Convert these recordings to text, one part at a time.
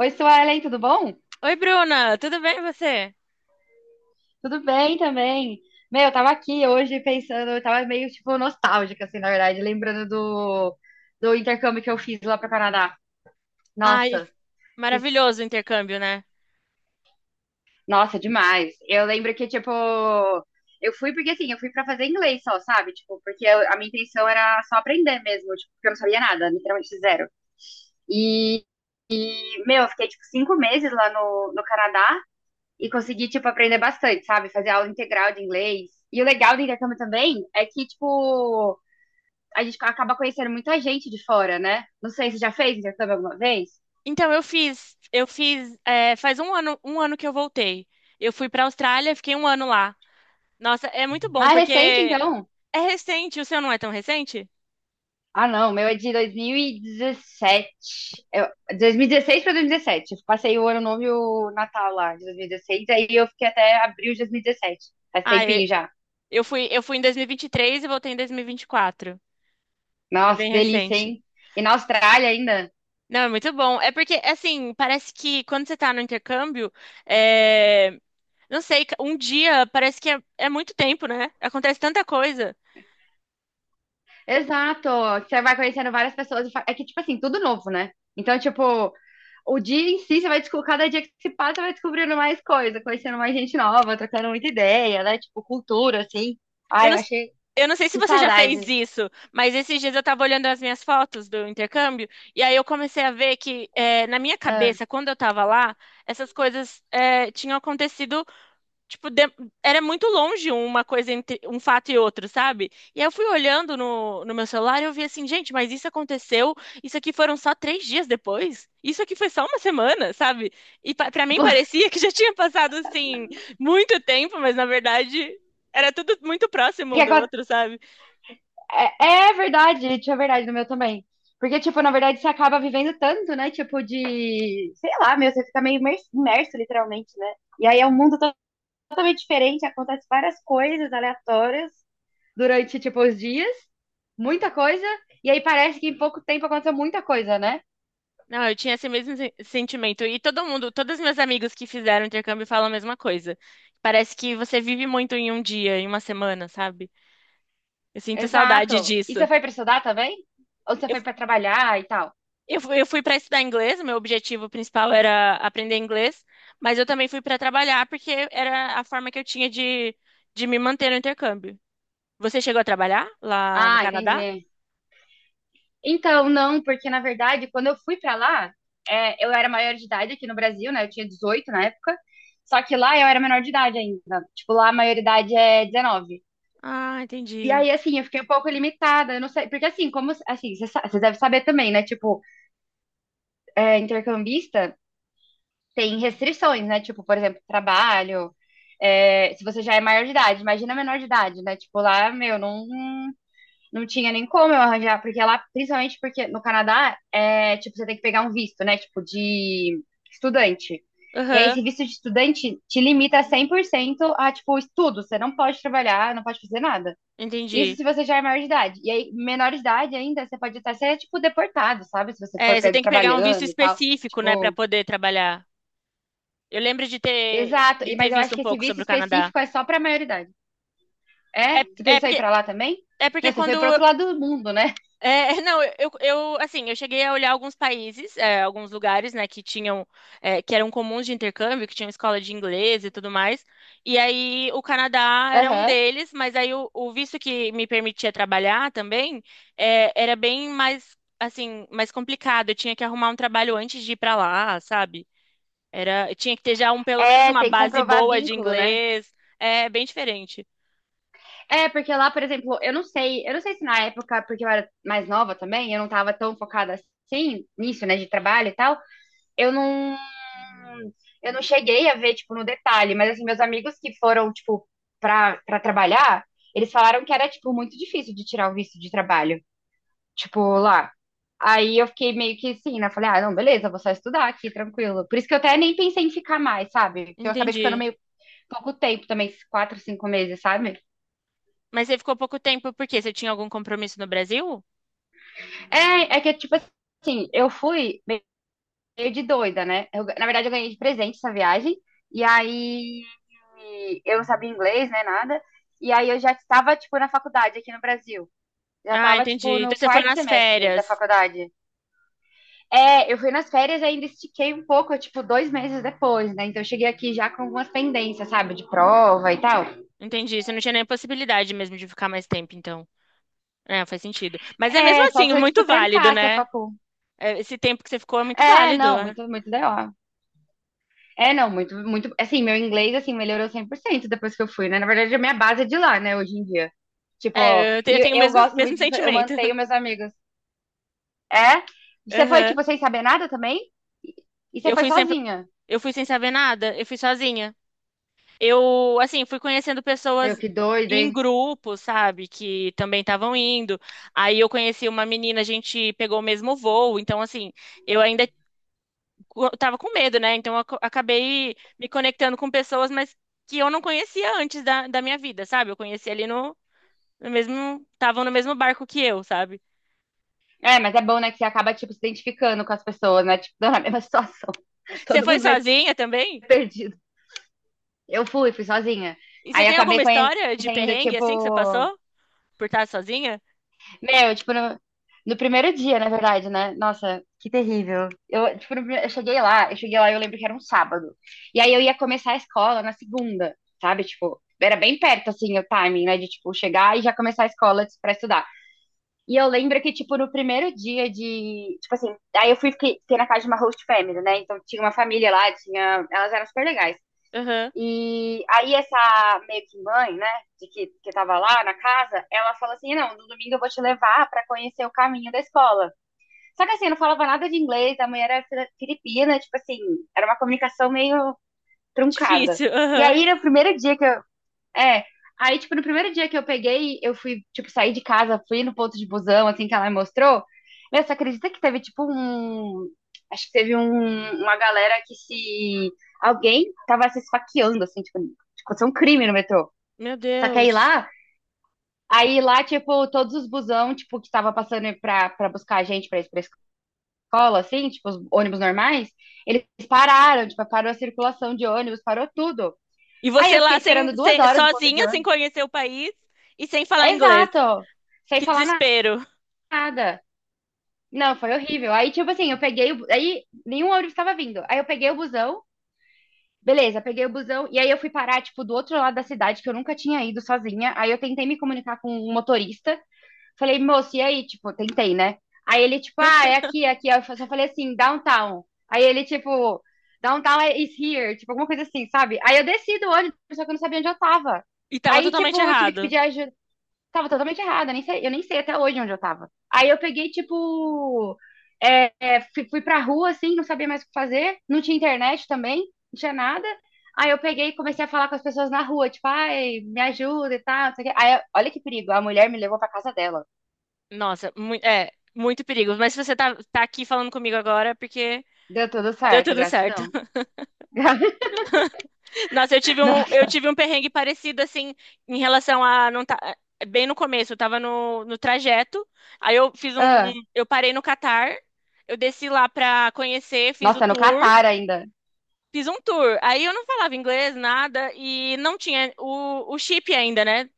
Oi, Suelen, tudo bom? Oi, Bruna, tudo bem e você? Tudo bem também. Meu, eu tava aqui hoje pensando, eu tava meio, tipo, nostálgica, assim, na verdade, lembrando do intercâmbio que eu fiz lá pro Canadá. Ai, Nossa, que- maravilhoso o intercâmbio, né? nossa, demais. Eu lembro que, tipo, eu fui porque, assim, eu fui pra fazer inglês só, sabe? Tipo, porque a minha intenção era só aprender mesmo, tipo, porque eu não sabia nada, literalmente zero. E, meu, eu fiquei, tipo, 5 meses lá no Canadá e consegui, tipo, aprender bastante, sabe? Fazer aula integral de inglês. E o legal do intercâmbio também é que, tipo, a gente acaba conhecendo muita gente de fora, né? Não sei, você já fez intercâmbio alguma vez? Então eu fiz, é, faz um ano que eu voltei. Eu fui pra Austrália, fiquei um ano lá. Nossa, é muito bom Ah, é porque recente, então? é recente, o seu não é tão recente? Ah, não, meu é de 2017. Eu, 2016 para 2017. Eu passei o ano novo e o Natal lá de 2016, aí eu fiquei até abril de 2017. Faz Ah, tempinho já. eu fui em 2023 e vinte e três e voltei em 2024. É Nossa, que bem delícia, recente. hein? E na Austrália ainda. Não, é muito bom. É porque, assim, parece que quando você tá no intercâmbio, é, não sei, um dia parece que é muito tempo, né? Acontece tanta coisa. Exato. Você vai conhecendo várias pessoas. É que, tipo assim, tudo novo, né? Então, tipo, o dia em si, você vai descobrir, cada dia que se passa, você vai descobrindo mais coisa, conhecendo mais gente nova, trocando muita ideia, né? Tipo, cultura, assim. Eu Ai, não, eu achei eu não sei se que você já saudade. fez isso, mas esses dias eu tava olhando as minhas fotos do intercâmbio e aí eu comecei a ver que na minha Ah, cabeça, quando eu tava lá, essas coisas tinham acontecido. Tipo, era muito longe uma coisa entre um fato e outro, sabe? E aí eu fui olhando no meu celular e eu vi assim, gente, mas isso aconteceu, isso aqui foram só 3 dias depois, isso aqui foi só uma semana, sabe? E pa pra mim tipo, parecia que já tinha passado, assim, muito tempo, mas na verdade era tudo muito próximo que um do aco- outro, sabe? é, é verdade, tinha verdade no meu também. Porque, tipo, na verdade, você acaba vivendo tanto, né? Tipo, de, sei lá, meu, você fica meio imerso, literalmente, né? E aí é um mundo totalmente diferente, acontece várias coisas aleatórias. Durante, tipo, os dias, muita coisa, e aí parece que em pouco tempo aconteceu muita coisa, né? Não, eu tinha esse mesmo sentimento. E todo mundo, todos os meus amigos que fizeram intercâmbio falam a mesma coisa. Parece que você vive muito em um dia, em uma semana, sabe? Eu sinto saudade Exato. E você disso. foi pra estudar também? Ou você foi pra trabalhar e tal? Eu fui para estudar inglês, meu objetivo principal era aprender inglês, mas eu também fui para trabalhar porque era a forma que eu tinha de me manter no intercâmbio. Você chegou a trabalhar lá no Ah, Canadá? entendi. Então, não, porque na verdade, quando eu fui pra lá, é, eu era maior de idade aqui no Brasil, né? Eu tinha 18 na época. Só que lá eu era menor de idade ainda. Tipo, lá a maioridade é 19. Ah, E entendi. aí, assim, eu fiquei um pouco limitada, eu não sei. Porque, assim, como. Assim, você deve saber também, né? Tipo, é, intercambista tem restrições, né? Tipo, por exemplo, trabalho. É, se você já é maior de idade, imagina menor de idade, né? Tipo, lá, meu, não, não tinha nem como eu arranjar, porque lá, principalmente porque no Canadá, é, tipo, você tem que pegar um visto, né? Tipo, de estudante. E aí, Aham, esse visto de estudante te limita 100% a, tipo, estudo. Você não pode trabalhar, não pode fazer nada. Isso entendi. se você já é maior de idade. E aí, menor de idade ainda, você pode até ser, tipo, deportado, sabe? Se você É, for você pego tem que pegar um visto trabalhando e tal. específico, né, para Tipo, poder trabalhar. Eu lembro de ter, exato, de ter mas eu visto acho um que esse pouco visto sobre o Canadá. específico é só pra maioridade. É? É, Você é pensou em ir porque, pra lá também? é porque Meu, você foi quando pro outro lado do mundo, né? Não, assim, eu cheguei a olhar alguns países, é, alguns lugares, né, que tinham, é, que eram comuns de intercâmbio, que tinham escola de inglês e tudo mais. E aí o Canadá era um Aham. deles, mas aí o visto que me permitia trabalhar também, é, era bem mais, assim, mais complicado. Eu tinha que arrumar um trabalho antes de ir para lá, sabe? Eu tinha que ter já um, pelo menos É, uma tem que base comprovar boa de vínculo, né? inglês. É bem diferente. É, porque lá, por exemplo, eu não sei se na época, porque eu era mais nova também, eu não tava tão focada assim nisso, né, de trabalho e tal. Eu não, eu não cheguei a ver, tipo, no detalhe, mas assim, meus amigos que foram, tipo, pra trabalhar, eles falaram que era, tipo, muito difícil de tirar o visto de trabalho. Tipo, lá. Aí eu fiquei meio que assim, né? Falei, ah, não, beleza, vou só estudar aqui, tranquilo. Por isso que eu até nem pensei em ficar mais, sabe? Que eu acabei ficando Entendi. meio pouco tempo também, esses 4, 5 meses, sabe? Mas você ficou pouco tempo, por quê? Você tinha algum compromisso no Brasil? É, é que, tipo assim, eu fui meio de doida, né? Na verdade, eu ganhei de presente essa viagem. E aí eu não sabia inglês, né, nada. E aí eu já estava, tipo, na faculdade aqui no Brasil. Já Ah, estava, tipo, entendi. no Então você foi quarto nas semestre da férias. faculdade. É, eu fui nas férias e ainda estiquei um pouco, tipo, 2 meses depois, né? Então eu cheguei aqui já com algumas pendências, sabe? De prova e tal. Entendi. Você não tinha nem possibilidade mesmo de ficar mais tempo, então. É, faz sentido. Mas é mesmo É, só assim, se eu, tipo, muito válido, trancasse a né? facul. É, esse tempo que você ficou é muito É, válido, não, né? muito, muito DO. É, não, muito, muito. Assim, meu inglês, assim, melhorou 100% depois que eu fui, né? Na verdade, a minha base é de lá, né, hoje em dia. Tipo, É, eu te- e eu tenho o eu mesmo, gosto mesmo muito de. Eu sentimento. mantenho meus amigos. É? Você foi, Aham. tipo, sem saber nada também? E e você Eu foi fui sempre, sozinha? eu fui sem saber nada, eu fui sozinha. Eu, assim, fui conhecendo Meu, pessoas que doida, em hein? grupo, sabe, que também estavam indo. Aí eu conheci uma menina, a gente pegou o mesmo voo, então assim, eu ainda eu tava com medo, né? Então eu acabei me conectando com pessoas, mas que eu não conhecia antes da minha vida, sabe? Eu conheci ali estavam no mesmo barco que eu, sabe? É, mas é bom, né, que você acaba, tipo, se identificando com as pessoas, né? Tipo, tô na mesma situação. Você Todo foi mundo meio sozinha também? perdido. Eu fui sozinha. E você Aí eu tem alguma acabei história de conhecendo, perrengue assim que você tipo. passou por estar sozinha? Meu, tipo, no primeiro dia, na verdade, né? Nossa, que terrível. Eu, tipo, no prime- eu cheguei lá e eu lembro que era um sábado. E aí eu ia começar a escola na segunda, sabe? Tipo, era bem perto, assim, o timing, né? De, tipo, chegar e já começar a escola pra estudar. E eu lembro que, tipo, no primeiro dia de. Tipo assim, aí eu fiquei na casa de uma host family, né? Então tinha uma família lá, tinha. Elas eram super legais. Aham. E aí essa meio que mãe, né, de que tava lá na casa, ela falou assim, não, no domingo eu vou te levar pra conhecer o caminho da escola. Só que assim, eu não falava nada de inglês, a mãe era filipina, tipo assim, era uma comunicação meio truncada. Difícil. E Aham. aí, no primeiro dia que eu, é. Aí, tipo, no primeiro dia que eu peguei, eu fui, tipo, sair de casa, fui no ponto de busão, assim, que ela me mostrou. Meu, você acredita que teve, tipo, um. Acho que teve uma galera que se. Alguém tava se esfaqueando, assim, tipo, aconteceu um crime no metrô. Meu Só que aí Deus. lá, aí lá, tipo, todos os busão, tipo, que tava passando pra buscar a gente pra ir pra escola, assim, tipo, os ônibus normais, eles pararam, tipo, parou a circulação de ônibus, parou tudo. E Aí você eu fiquei lá esperando duas horas no ponto de. sozinha, sem conhecer o país e sem falar inglês. Exato. Sem Que falar desespero. nada. Não, foi horrível. Aí, tipo assim, eu peguei. Aí, nenhum ônibus estava vindo. Aí, eu peguei o busão. Beleza, peguei o busão. E aí, eu fui parar, tipo, do outro lado da cidade, que eu nunca tinha ido sozinha. Aí, eu tentei me comunicar com o motorista. Falei, moço, e aí? Tipo, tentei, né? Aí, ele, tipo, ah, é aqui, é aqui. Aí, eu só falei assim, downtown. Aí, ele, tipo, downtown is here. Tipo, alguma coisa assim, sabe? Aí, eu desci do ônibus, só que eu não sabia onde eu tava. E tava Aí, tipo, totalmente eu tive que errado. pedir ajuda. Tava totalmente errada, nem sei- eu nem sei até hoje onde eu tava. Aí eu peguei, tipo, fui pra rua, assim, não sabia mais o que fazer, não tinha internet também, não tinha nada. Aí eu peguei e comecei a falar com as pessoas na rua, tipo, ai, me ajuda e tal, não sei o quê. Aí, olha que perigo, a mulher me levou pra casa dela. Nossa, muito perigo. Mas se você tá aqui falando comigo agora, é porque Deu tudo deu certo, tudo certo. gratidão. Nossa, eu tive um, eu Nossa, tive um perrengue parecido, assim, em relação a não tá, bem no começo, eu tava no trajeto, aí eu fiz um, ah, eu parei no Catar, eu desci lá pra conhecer, nossa, no Catar ainda. fiz um tour. Aí eu não falava inglês, nada, e não tinha o chip ainda, né?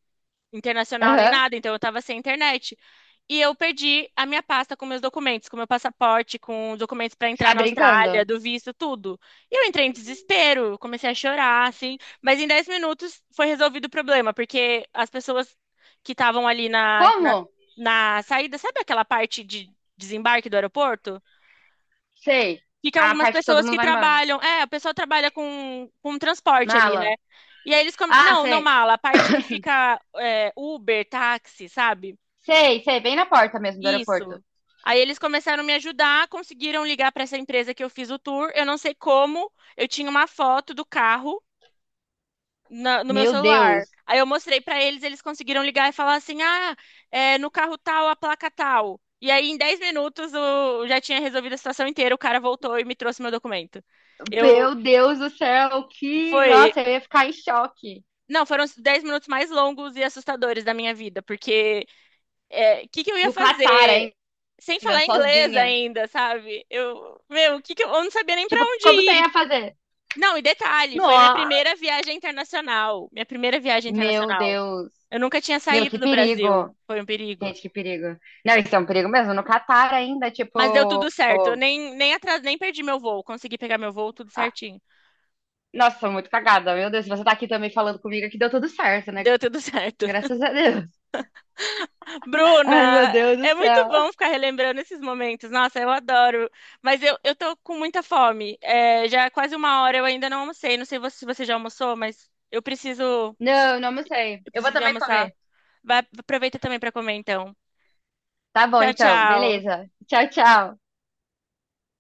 Internacional nem Aham. nada, então eu tava sem internet. E eu perdi a minha pasta com meus documentos, com meu passaporte, com os documentos para entrar Sai na Austrália, brincando. do visto, tudo. E eu entrei em desespero, eu comecei a chorar, assim. Mas em 10 minutos foi resolvido o problema, porque as pessoas que estavam ali na, na, Como? na saída, sabe aquela parte de desembarque do aeroporto? Sei. Ficam Ah, a algumas parte que todo pessoas mundo que vai embora. trabalham. É, a pessoa trabalha com transporte ali, né? Mala. E aí eles, Ah, não, não sei. mala. A parte que fica é, Uber, táxi, sabe? Sei, sei, bem na porta mesmo do aeroporto. Isso. Aí eles começaram a me ajudar, conseguiram ligar para essa empresa que eu fiz o tour. Eu não sei como, eu tinha uma foto do carro no meu Meu celular. Deus, Aí eu mostrei para eles, eles conseguiram ligar e falar assim: ah, é, no carro tal, a placa tal. E aí em 10 minutos eu já tinha resolvido a situação inteira, o cara voltou e me trouxe meu documento. Eu, meu Deus do céu, que. Foi. Nossa, eu ia ficar em choque. Não, foram os 10 minutos mais longos e assustadores da minha vida, porque o que que eu ia No Catar fazer ainda, sem falar inglês sozinha. ainda, sabe? Meu, o que que eu não sabia nem pra Tipo, onde como você ir. ia fazer? Não, e detalhe, foi minha Nossa, primeira viagem internacional, minha primeira viagem meu internacional. Deus. Eu nunca tinha Meu, saído que do perigo. Brasil, foi um perigo. Gente, que perigo. Não, isso é um perigo mesmo. No Catar ainda, tipo. Mas deu tudo certo, eu nem atrás, nem perdi meu voo, consegui pegar meu voo tudo Ah, certinho. nossa, sou muito cagada. Meu Deus, se você tá aqui também falando comigo, que deu tudo certo, né? Deu tudo certo. Graças a Deus. Ai, meu Bruna, Deus do é muito céu. bom ficar relembrando esses momentos. Nossa, eu adoro. Mas eu tô com muita fome. É, já é quase uma hora, eu ainda não almocei. Não sei se você já almoçou, mas eu preciso, Não, não sei. eu Eu vou preciso ir também almoçar. comer. Vai, aproveita também para comer, então. Tá bom, Tchau, então. tchau. Beleza. Tchau, tchau.